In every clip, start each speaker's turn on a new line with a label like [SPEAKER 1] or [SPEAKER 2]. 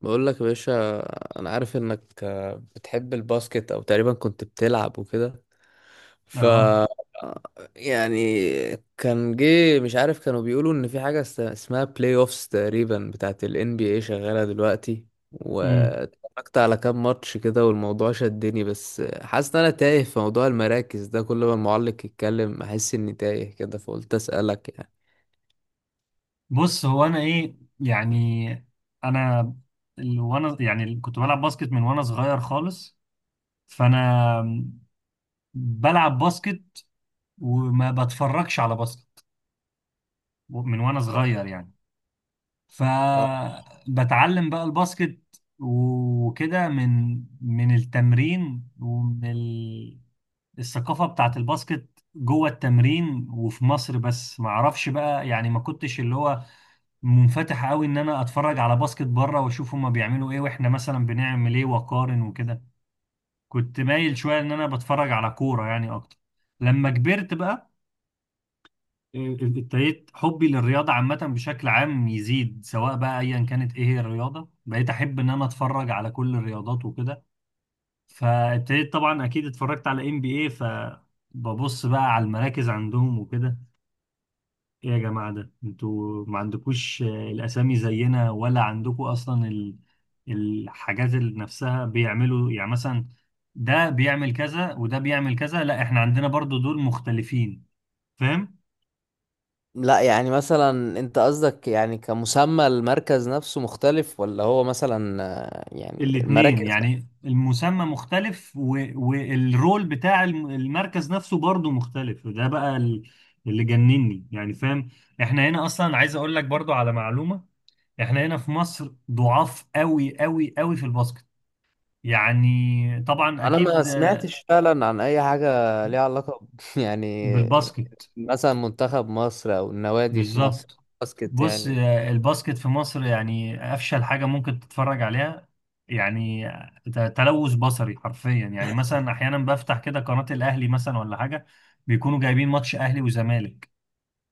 [SPEAKER 1] بقول لك يا باشا، انا عارف انك بتحب الباسكت او تقريبا كنت بتلعب وكده. ف
[SPEAKER 2] اه.
[SPEAKER 1] يعني كان جه، مش عارف، كانوا بيقولوا ان في حاجة اسمها بلاي اوفس تقريبا بتاعت ال NBA شغالة دلوقتي،
[SPEAKER 2] امم
[SPEAKER 1] واتفرجت على كام ماتش كده والموضوع شدني، بس حاسس ان انا تايه في موضوع المراكز ده. كل ما المعلق يتكلم احس اني تايه كده، فقلت اسألك يعني.
[SPEAKER 2] بص، هو انا ايه يعني؟ انا وانا يعني كنت بلعب باسكت من وانا صغير خالص. فانا بلعب باسكت وما بتفرجش على باسكت من وانا صغير يعني. فبتعلم بقى الباسكت وكده من التمرين ومن الثقافة بتاعت الباسكت جوه التمرين. وفي مصر بس ما اعرفش بقى يعني، ما كنتش اللي هو منفتح قوي ان انا اتفرج على باسكت بره واشوف هما بيعملوا ايه واحنا مثلا بنعمل ايه واقارن وكده. كنت مايل شويه ان انا بتفرج على كوره يعني اكتر. لما كبرت بقى إيه، ابتديت حبي للرياضه عامه بشكل عام يزيد، سواء بقى ايا كانت ايه هي الرياضه، بقيت احب ان انا اتفرج على كل الرياضات وكده. فابتديت طبعا اكيد اتفرجت على ام بي اي، فببص بقى على المراكز عندهم وكده. ايه يا جماعة، ده انتوا ما عندكوش الاسامي زينا؟ ولا عندكوا اصلا الحاجات اللي نفسها بيعملوا؟ يعني مثلا ده بيعمل كذا وده بيعمل كذا، لا احنا عندنا برضو دول مختلفين. فاهم؟
[SPEAKER 1] لا يعني، مثلا انت قصدك يعني كمسمى المركز نفسه مختلف، ولا هو مثلا يعني
[SPEAKER 2] الاتنين
[SPEAKER 1] المراكز.
[SPEAKER 2] يعني، المسمى مختلف و... والرول بتاع المركز نفسه برضو مختلف، وده بقى اللي جنني يعني. فاهم؟ احنا هنا اصلا عايز اقول لك برضو على معلومة، احنا هنا في مصر ضعاف قوي قوي قوي في الباسكت. يعني طبعا
[SPEAKER 1] انا ما
[SPEAKER 2] اكيد.
[SPEAKER 1] سمعتش فعلا عن اي حاجة ليها علاقة يعني،
[SPEAKER 2] بالباسكت.
[SPEAKER 1] مثلا منتخب مصر او النوادي في مصر،
[SPEAKER 2] بالظبط.
[SPEAKER 1] باسكت
[SPEAKER 2] بص،
[SPEAKER 1] يعني.
[SPEAKER 2] الباسكت في مصر يعني افشل حاجه ممكن تتفرج عليها. يعني تلوث بصري حرفيا. يعني مثلا احيانا بفتح كده قناه الاهلي مثلا ولا حاجه، بيكونوا جايبين ماتش اهلي وزمالك.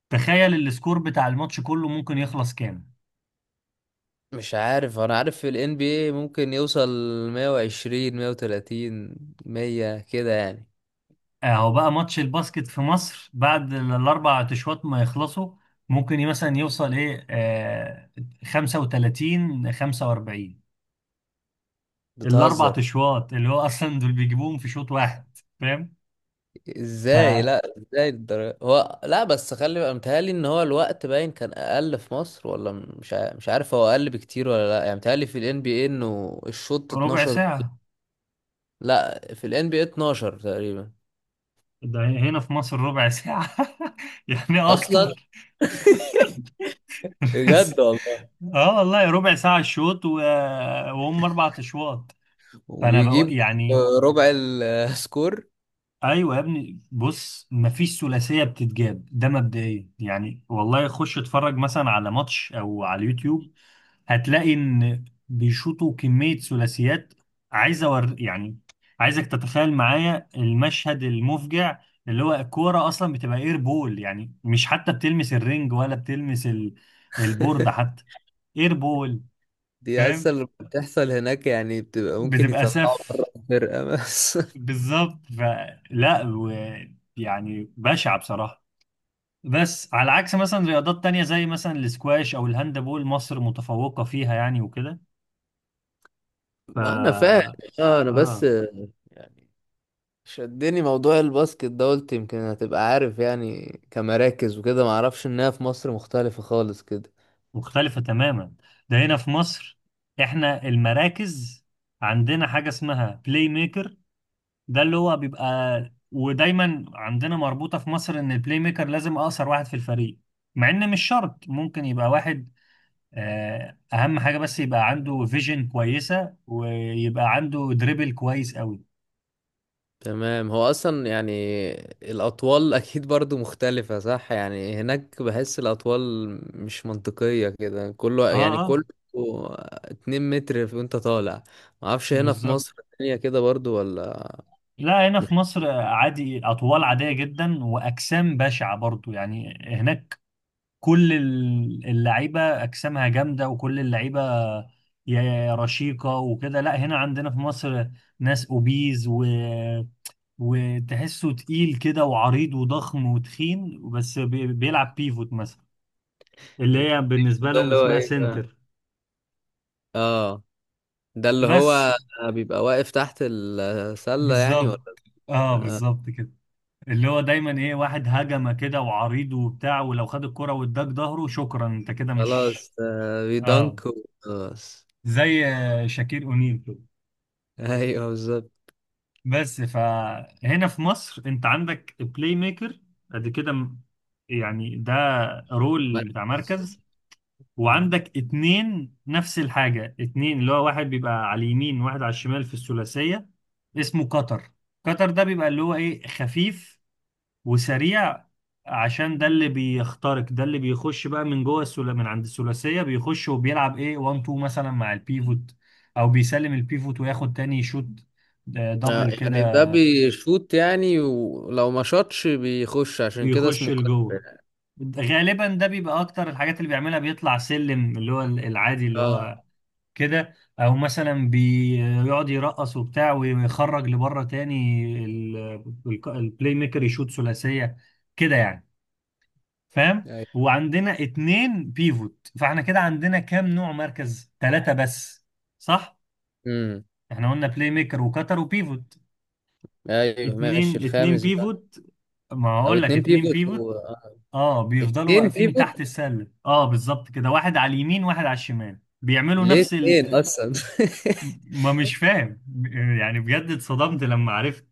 [SPEAKER 2] تخيل السكور بتاع الماتش كله ممكن يخلص كام.
[SPEAKER 1] مش عارف، انا عارف في ال NBA ممكن يوصل 120 130 100 كده يعني.
[SPEAKER 2] اهو بقى، ماتش الباسكت في مصر بعد الاربع تشوات ما يخلصوا، ممكن مثلا يوصل ايه 35 45. الاربع
[SPEAKER 1] بتهزر؟
[SPEAKER 2] اشواط اللي هو اصلا دول بيجيبوهم في شوط واحد. فاهم؟
[SPEAKER 1] ازاي،
[SPEAKER 2] فربع
[SPEAKER 1] لا، ازاي الدرجة. هو لا بس خلي بقى متهيألي ان هو الوقت باين كان اقل في مصر، ولا مش عارف هو اقل بكتير ولا لا. يعني متهيألي في الان بي اي انه الشوط 12.
[SPEAKER 2] ساعه.
[SPEAKER 1] لا، في الان بي اي 12 تقريبا،
[SPEAKER 2] ده هنا في مصر ربع ساعه يعني
[SPEAKER 1] اصلا
[SPEAKER 2] اكتر. بس-
[SPEAKER 1] بجد والله.
[SPEAKER 2] اه والله ربع ساعة الشوط و... وهم أربع أشواط. فأنا
[SPEAKER 1] وبيجيب
[SPEAKER 2] بقول يعني،
[SPEAKER 1] ربع السكور
[SPEAKER 2] أيوة يا ابني، بص مفيش ثلاثية بتتجاب، ده مبدئيا يعني. والله خش اتفرج مثلا على ماتش أو على اليوتيوب، هتلاقي ان بيشوطوا كمية ثلاثيات. عايز أور يعني، عايزك تتخيل معايا المشهد المفجع، اللي هو الكورة أصلا بتبقى اير بول، يعني مش حتى بتلمس الرنج ولا بتلمس البورد حتى. اير بول.
[SPEAKER 1] دي اصلا
[SPEAKER 2] فاهم؟
[SPEAKER 1] لما بتحصل هناك يعني بتبقى ممكن
[SPEAKER 2] بتبقى
[SPEAKER 1] يطلعوا
[SPEAKER 2] سف.
[SPEAKER 1] بره الفرقة بس
[SPEAKER 2] بالظبط. فلا و... يعني بشعة بصراحة. بس على عكس مثلا رياضات تانية زي مثلا الاسكواش أو الهاندبول، مصر متفوقة فيها يعني وكده.
[SPEAKER 1] ما انا فاهم.
[SPEAKER 2] ف
[SPEAKER 1] اه، انا بس
[SPEAKER 2] آه
[SPEAKER 1] يعني شدني موضوع الباسكت ده، قلت يمكن هتبقى عارف يعني كمراكز وكده، معرفش انها في مصر مختلفة خالص كده.
[SPEAKER 2] مختلفة تماما. ده هنا في مصر احنا المراكز عندنا حاجة اسمها بلاي ميكر. ده اللي هو بيبقى، ودايما عندنا مربوطة في مصر ان البلاي ميكر لازم اقصر واحد في الفريق، مع ان مش شرط، ممكن يبقى واحد اهم حاجة بس يبقى عنده فيجن كويسة ويبقى عنده دريبل كويس قوي.
[SPEAKER 1] تمام، هو اصلا يعني الاطوال اكيد برضو مختلفة، صح؟ يعني هناك بحس الاطوال مش منطقية كده، كله
[SPEAKER 2] اه
[SPEAKER 1] يعني،
[SPEAKER 2] اه.
[SPEAKER 1] كله 2 متر وانت طالع. معرفش هنا في
[SPEAKER 2] بالظبط.
[SPEAKER 1] مصر الدنيا كده برضو ولا
[SPEAKER 2] لا هنا
[SPEAKER 1] مش
[SPEAKER 2] في مصر عادي، اطوال عادية جدا واجسام بشعة برضو. يعني هناك كل اللعيبه اجسامها جامده وكل اللعيبه يا رشيقه وكده. لا هنا عندنا في مصر ناس اوبيز و وتحسه تقيل كده وعريض وضخم وتخين، بس بيلعب بيفوت مثلا، اللي هي بالنسبه
[SPEAKER 1] ده
[SPEAKER 2] لهم
[SPEAKER 1] اللي هو
[SPEAKER 2] اسمها
[SPEAKER 1] ايه بقى؟
[SPEAKER 2] سنتر.
[SPEAKER 1] اه، ده اللي
[SPEAKER 2] بس.
[SPEAKER 1] هو بيبقى واقف تحت السلة يعني،
[SPEAKER 2] بالظبط. اه
[SPEAKER 1] ولا؟
[SPEAKER 2] بالظبط كده. اللي هو دايما ايه، واحد هجمه كده وعريض وبتاع، ولو خد الكرة واداك ظهره شكرا انت كده مش.
[SPEAKER 1] خلاص بيدنك
[SPEAKER 2] اه
[SPEAKER 1] وخلاص.
[SPEAKER 2] زي شاكير اونيل كده.
[SPEAKER 1] ايوه بالظبط،
[SPEAKER 2] بس، فهنا في مصر انت عندك بلاي ميكر قد كده. يعني ده رول بتاع
[SPEAKER 1] مركز.
[SPEAKER 2] مركز.
[SPEAKER 1] مم.
[SPEAKER 2] وعندك اتنين نفس الحاجة، اتنين اللي هو واحد بيبقى على اليمين وواحد على الشمال في الثلاثية، اسمه قطر. قطر ده بيبقى اللي هو ايه، خفيف وسريع، عشان ده اللي بيخترق، ده اللي بيخش بقى من جوه السلا من عند الثلاثية، بيخش وبيلعب ايه 1 2 مثلا مع البيفوت، او بيسلم البيفوت وياخد تاني شوت، دبل
[SPEAKER 1] يعني
[SPEAKER 2] كده.
[SPEAKER 1] ده بيشوط يعني، ولو ما شاطش بيخش، عشان كده
[SPEAKER 2] بيخش
[SPEAKER 1] اسمه كتر
[SPEAKER 2] لجوه.
[SPEAKER 1] يعني.
[SPEAKER 2] غالبا ده بيبقى اكتر الحاجات اللي بيعملها، بيطلع سلم اللي هو العادي اللي
[SPEAKER 1] اه.
[SPEAKER 2] هو كده، او مثلا بيقعد يرقص وبتاع ويخرج لبره تاني البلاي ميكر يشوط ثلاثيه كده يعني. فاهم؟
[SPEAKER 1] ايوه.
[SPEAKER 2] وعندنا اتنين بيفوت. فاحنا كده عندنا كام نوع مركز؟ ثلاثة بس. صح.
[SPEAKER 1] امم.
[SPEAKER 2] احنا قلنا بلاي ميكر وكتر وبيفوت،
[SPEAKER 1] ايوه ماشي،
[SPEAKER 2] اتنين، اتنين
[SPEAKER 1] الخامس بقى.
[SPEAKER 2] بيفوت. ما
[SPEAKER 1] او
[SPEAKER 2] هقول لك
[SPEAKER 1] اتنين
[SPEAKER 2] اتنين
[SPEAKER 1] بيفوت
[SPEAKER 2] بيفوت.
[SPEAKER 1] و... آه.
[SPEAKER 2] اه بيفضلوا
[SPEAKER 1] اتنين
[SPEAKER 2] واقفين تحت
[SPEAKER 1] بيفوت،
[SPEAKER 2] السلة، اه بالظبط كده، واحد على اليمين واحد على الشمال بيعملوا
[SPEAKER 1] ليه
[SPEAKER 2] نفس
[SPEAKER 1] اتنين
[SPEAKER 2] ال...
[SPEAKER 1] اصلا؟
[SPEAKER 2] ما مش فاهم، يعني بجد اتصدمت لما عرفت،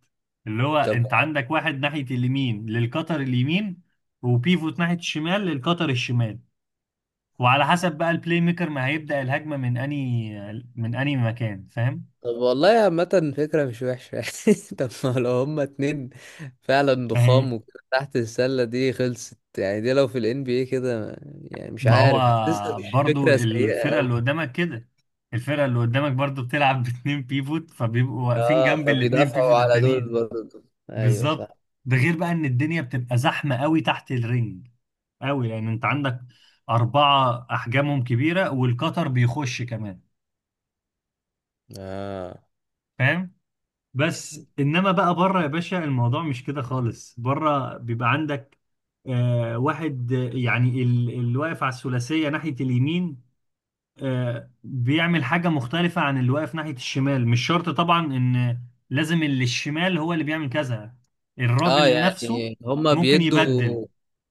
[SPEAKER 2] اللي هو
[SPEAKER 1] طب
[SPEAKER 2] انت عندك واحد ناحية اليمين للقطر اليمين، وبيفوت ناحية الشمال للقطر الشمال، وعلى حسب بقى البلاي ميكر ما هيبدأ الهجمة من اني مكان. فاهم؟
[SPEAKER 1] طب والله، عامة فكرة مش وحشة يعني. طب ما لو هما اتنين فعلا
[SPEAKER 2] ما
[SPEAKER 1] ضخام
[SPEAKER 2] هي،
[SPEAKER 1] وكده تحت السلة دي خلصت يعني، دي لو في ال NBA كده يعني، مش
[SPEAKER 2] ما
[SPEAKER 1] عارف، حاسسها
[SPEAKER 2] هو
[SPEAKER 1] مش
[SPEAKER 2] برضو
[SPEAKER 1] فكرة سيئة
[SPEAKER 2] الفرقة اللي
[SPEAKER 1] أوي.
[SPEAKER 2] قدامك كده، الفرقة اللي قدامك برضو بتلعب باتنين بيفوت، فبيبقوا واقفين
[SPEAKER 1] اه،
[SPEAKER 2] جنب الاتنين
[SPEAKER 1] فبيدافعوا
[SPEAKER 2] بيفوت
[SPEAKER 1] على دول
[SPEAKER 2] التانيين.
[SPEAKER 1] برضه. ايوه صح.
[SPEAKER 2] بالظبط. ده غير بقى ان الدنيا بتبقى زحمة قوي تحت الرنج، قوي لان انت عندك اربعة احجامهم كبيرة والقطر بيخش كمان.
[SPEAKER 1] اه
[SPEAKER 2] فاهم؟ بس انما بقى بره يا باشا، الموضوع مش كده خالص. بره بيبقى عندك واحد، يعني اللي واقف على الثلاثية ناحية اليمين بيعمل حاجة مختلفة عن اللي واقف ناحية الشمال. مش شرط طبعا ان لازم اللي الشمال هو اللي بيعمل كذا،
[SPEAKER 1] اه.
[SPEAKER 2] الراجل نفسه
[SPEAKER 1] يعني هما
[SPEAKER 2] ممكن يبدل.
[SPEAKER 1] بيدوا،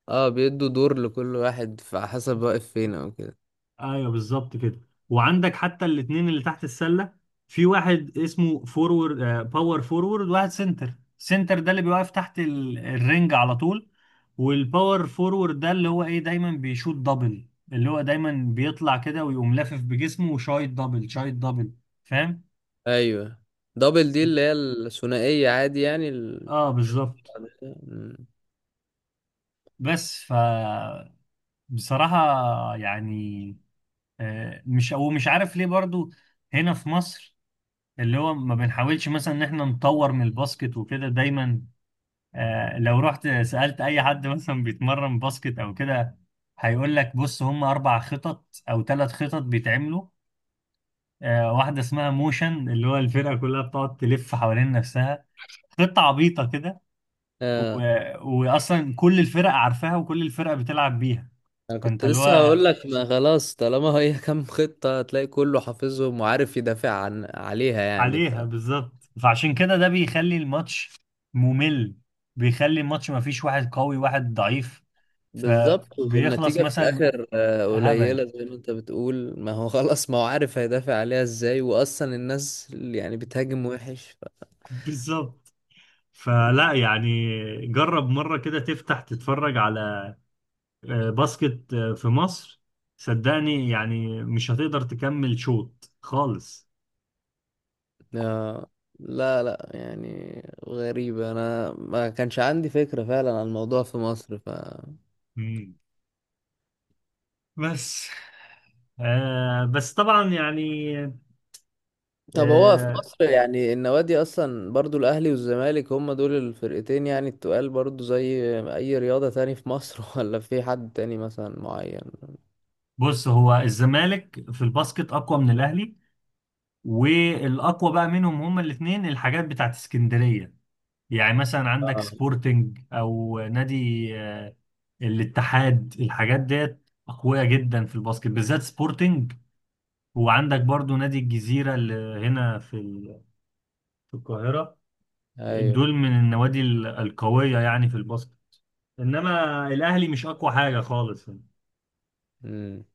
[SPEAKER 1] اه، بيدوا دور لكل واحد فحسب واقف فين او كده.
[SPEAKER 2] ايوه بالظبط كده. وعندك حتى الاتنين اللي تحت السلة، في واحد اسمه فورورد باور فورورد، واحد سنتر. سنتر ده اللي بيوقف تحت الرنج على طول، والباور فورورد ده اللي هو ايه، دايما بيشوط دبل، اللي هو دايما بيطلع كده ويقوم لافف بجسمه وشايط دبل شايط دبل. فاهم؟
[SPEAKER 1] ايوه. دبل دي اللي هي الثنائية عادي يعني ال-
[SPEAKER 2] اه
[SPEAKER 1] الشوط
[SPEAKER 2] بالظبط.
[SPEAKER 1] بعد كده. مم.
[SPEAKER 2] بس ف، بصراحة يعني، مش او مش عارف ليه برضو هنا في مصر اللي هو ما بنحاولش مثلا ان احنا نطور من الباسكت وكده. دايما لو رحت سألت اي حد مثلا بيتمرن باسكت او كده، هيقول لك بص هم اربع خطط او ثلاث خطط بيتعملوا، واحدة اسمها موشن اللي هو الفرقة كلها بتقعد تلف حوالين نفسها، خطة عبيطة كده و...
[SPEAKER 1] آه.
[SPEAKER 2] واصلا كل الفرق عارفاها وكل الفرق بتلعب بيها.
[SPEAKER 1] انا
[SPEAKER 2] فانت
[SPEAKER 1] كنت
[SPEAKER 2] اللي
[SPEAKER 1] لسه
[SPEAKER 2] هو
[SPEAKER 1] هقول لك، ما خلاص طالما هي كام خطة، هتلاقي كله حافظهم وعارف يدافع عن عليها يعني
[SPEAKER 2] عليها. بالظبط. فعشان كده ده بيخلي الماتش ممل، بيخلي الماتش ما فيش واحد قوي واحد ضعيف.
[SPEAKER 1] بالظبط،
[SPEAKER 2] فبيخلص
[SPEAKER 1] والنتيجة في
[SPEAKER 2] مثلا
[SPEAKER 1] الاخر
[SPEAKER 2] هبل.
[SPEAKER 1] قليلة، زي ما انت بتقول، ما هو خلاص، ما هو عارف هيدافع عليها ازاي، واصلا الناس اللي يعني بتهاجم وحش
[SPEAKER 2] بالظبط. فلا يعني، جرب مرة كده تفتح تتفرج على باسكت في مصر، صدقني يعني مش هتقدر تكمل شوط خالص.
[SPEAKER 1] آه، لا لا يعني غريبة، انا ما كانش عندي فكرة فعلا عن الموضوع في مصر
[SPEAKER 2] مم. بس بس طبعا يعني،
[SPEAKER 1] طب هو في
[SPEAKER 2] آه
[SPEAKER 1] مصر يعني النوادي اصلا برضو، الاهلي والزمالك هم دول الفرقتين يعني التقال برضو زي اي رياضة تاني في مصر ولا في حد تاني مثلا معين؟
[SPEAKER 2] بص، هو الزمالك في الباسكت أقوى من الأهلي، والاقوى بقى منهم هما الاثنين الحاجات بتاعت اسكندريه. يعني مثلا عندك
[SPEAKER 1] آه.
[SPEAKER 2] سبورتنج او نادي آه، الاتحاد، الحاجات ديت اقوياء جدا في الباسكت بالذات سبورتنج. وعندك برضو نادي الجزيره اللي هنا في في القاهره،
[SPEAKER 1] ايوه.
[SPEAKER 2] دول من النوادي القويه يعني في الباسكت. انما الاهلي مش اقوى حاجه خالص يعني.
[SPEAKER 1] امم.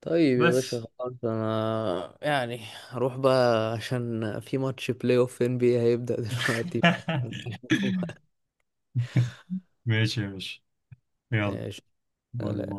[SPEAKER 1] طيب يا باشا
[SPEAKER 2] بس
[SPEAKER 1] خلاص، انا يعني هروح بقى عشان في ماتش بلاي اوف ان بي هيبدأ دلوقتي
[SPEAKER 2] ماشي يا باشا. يلا.
[SPEAKER 1] ماشي.
[SPEAKER 2] باي
[SPEAKER 1] سلام.
[SPEAKER 2] باي.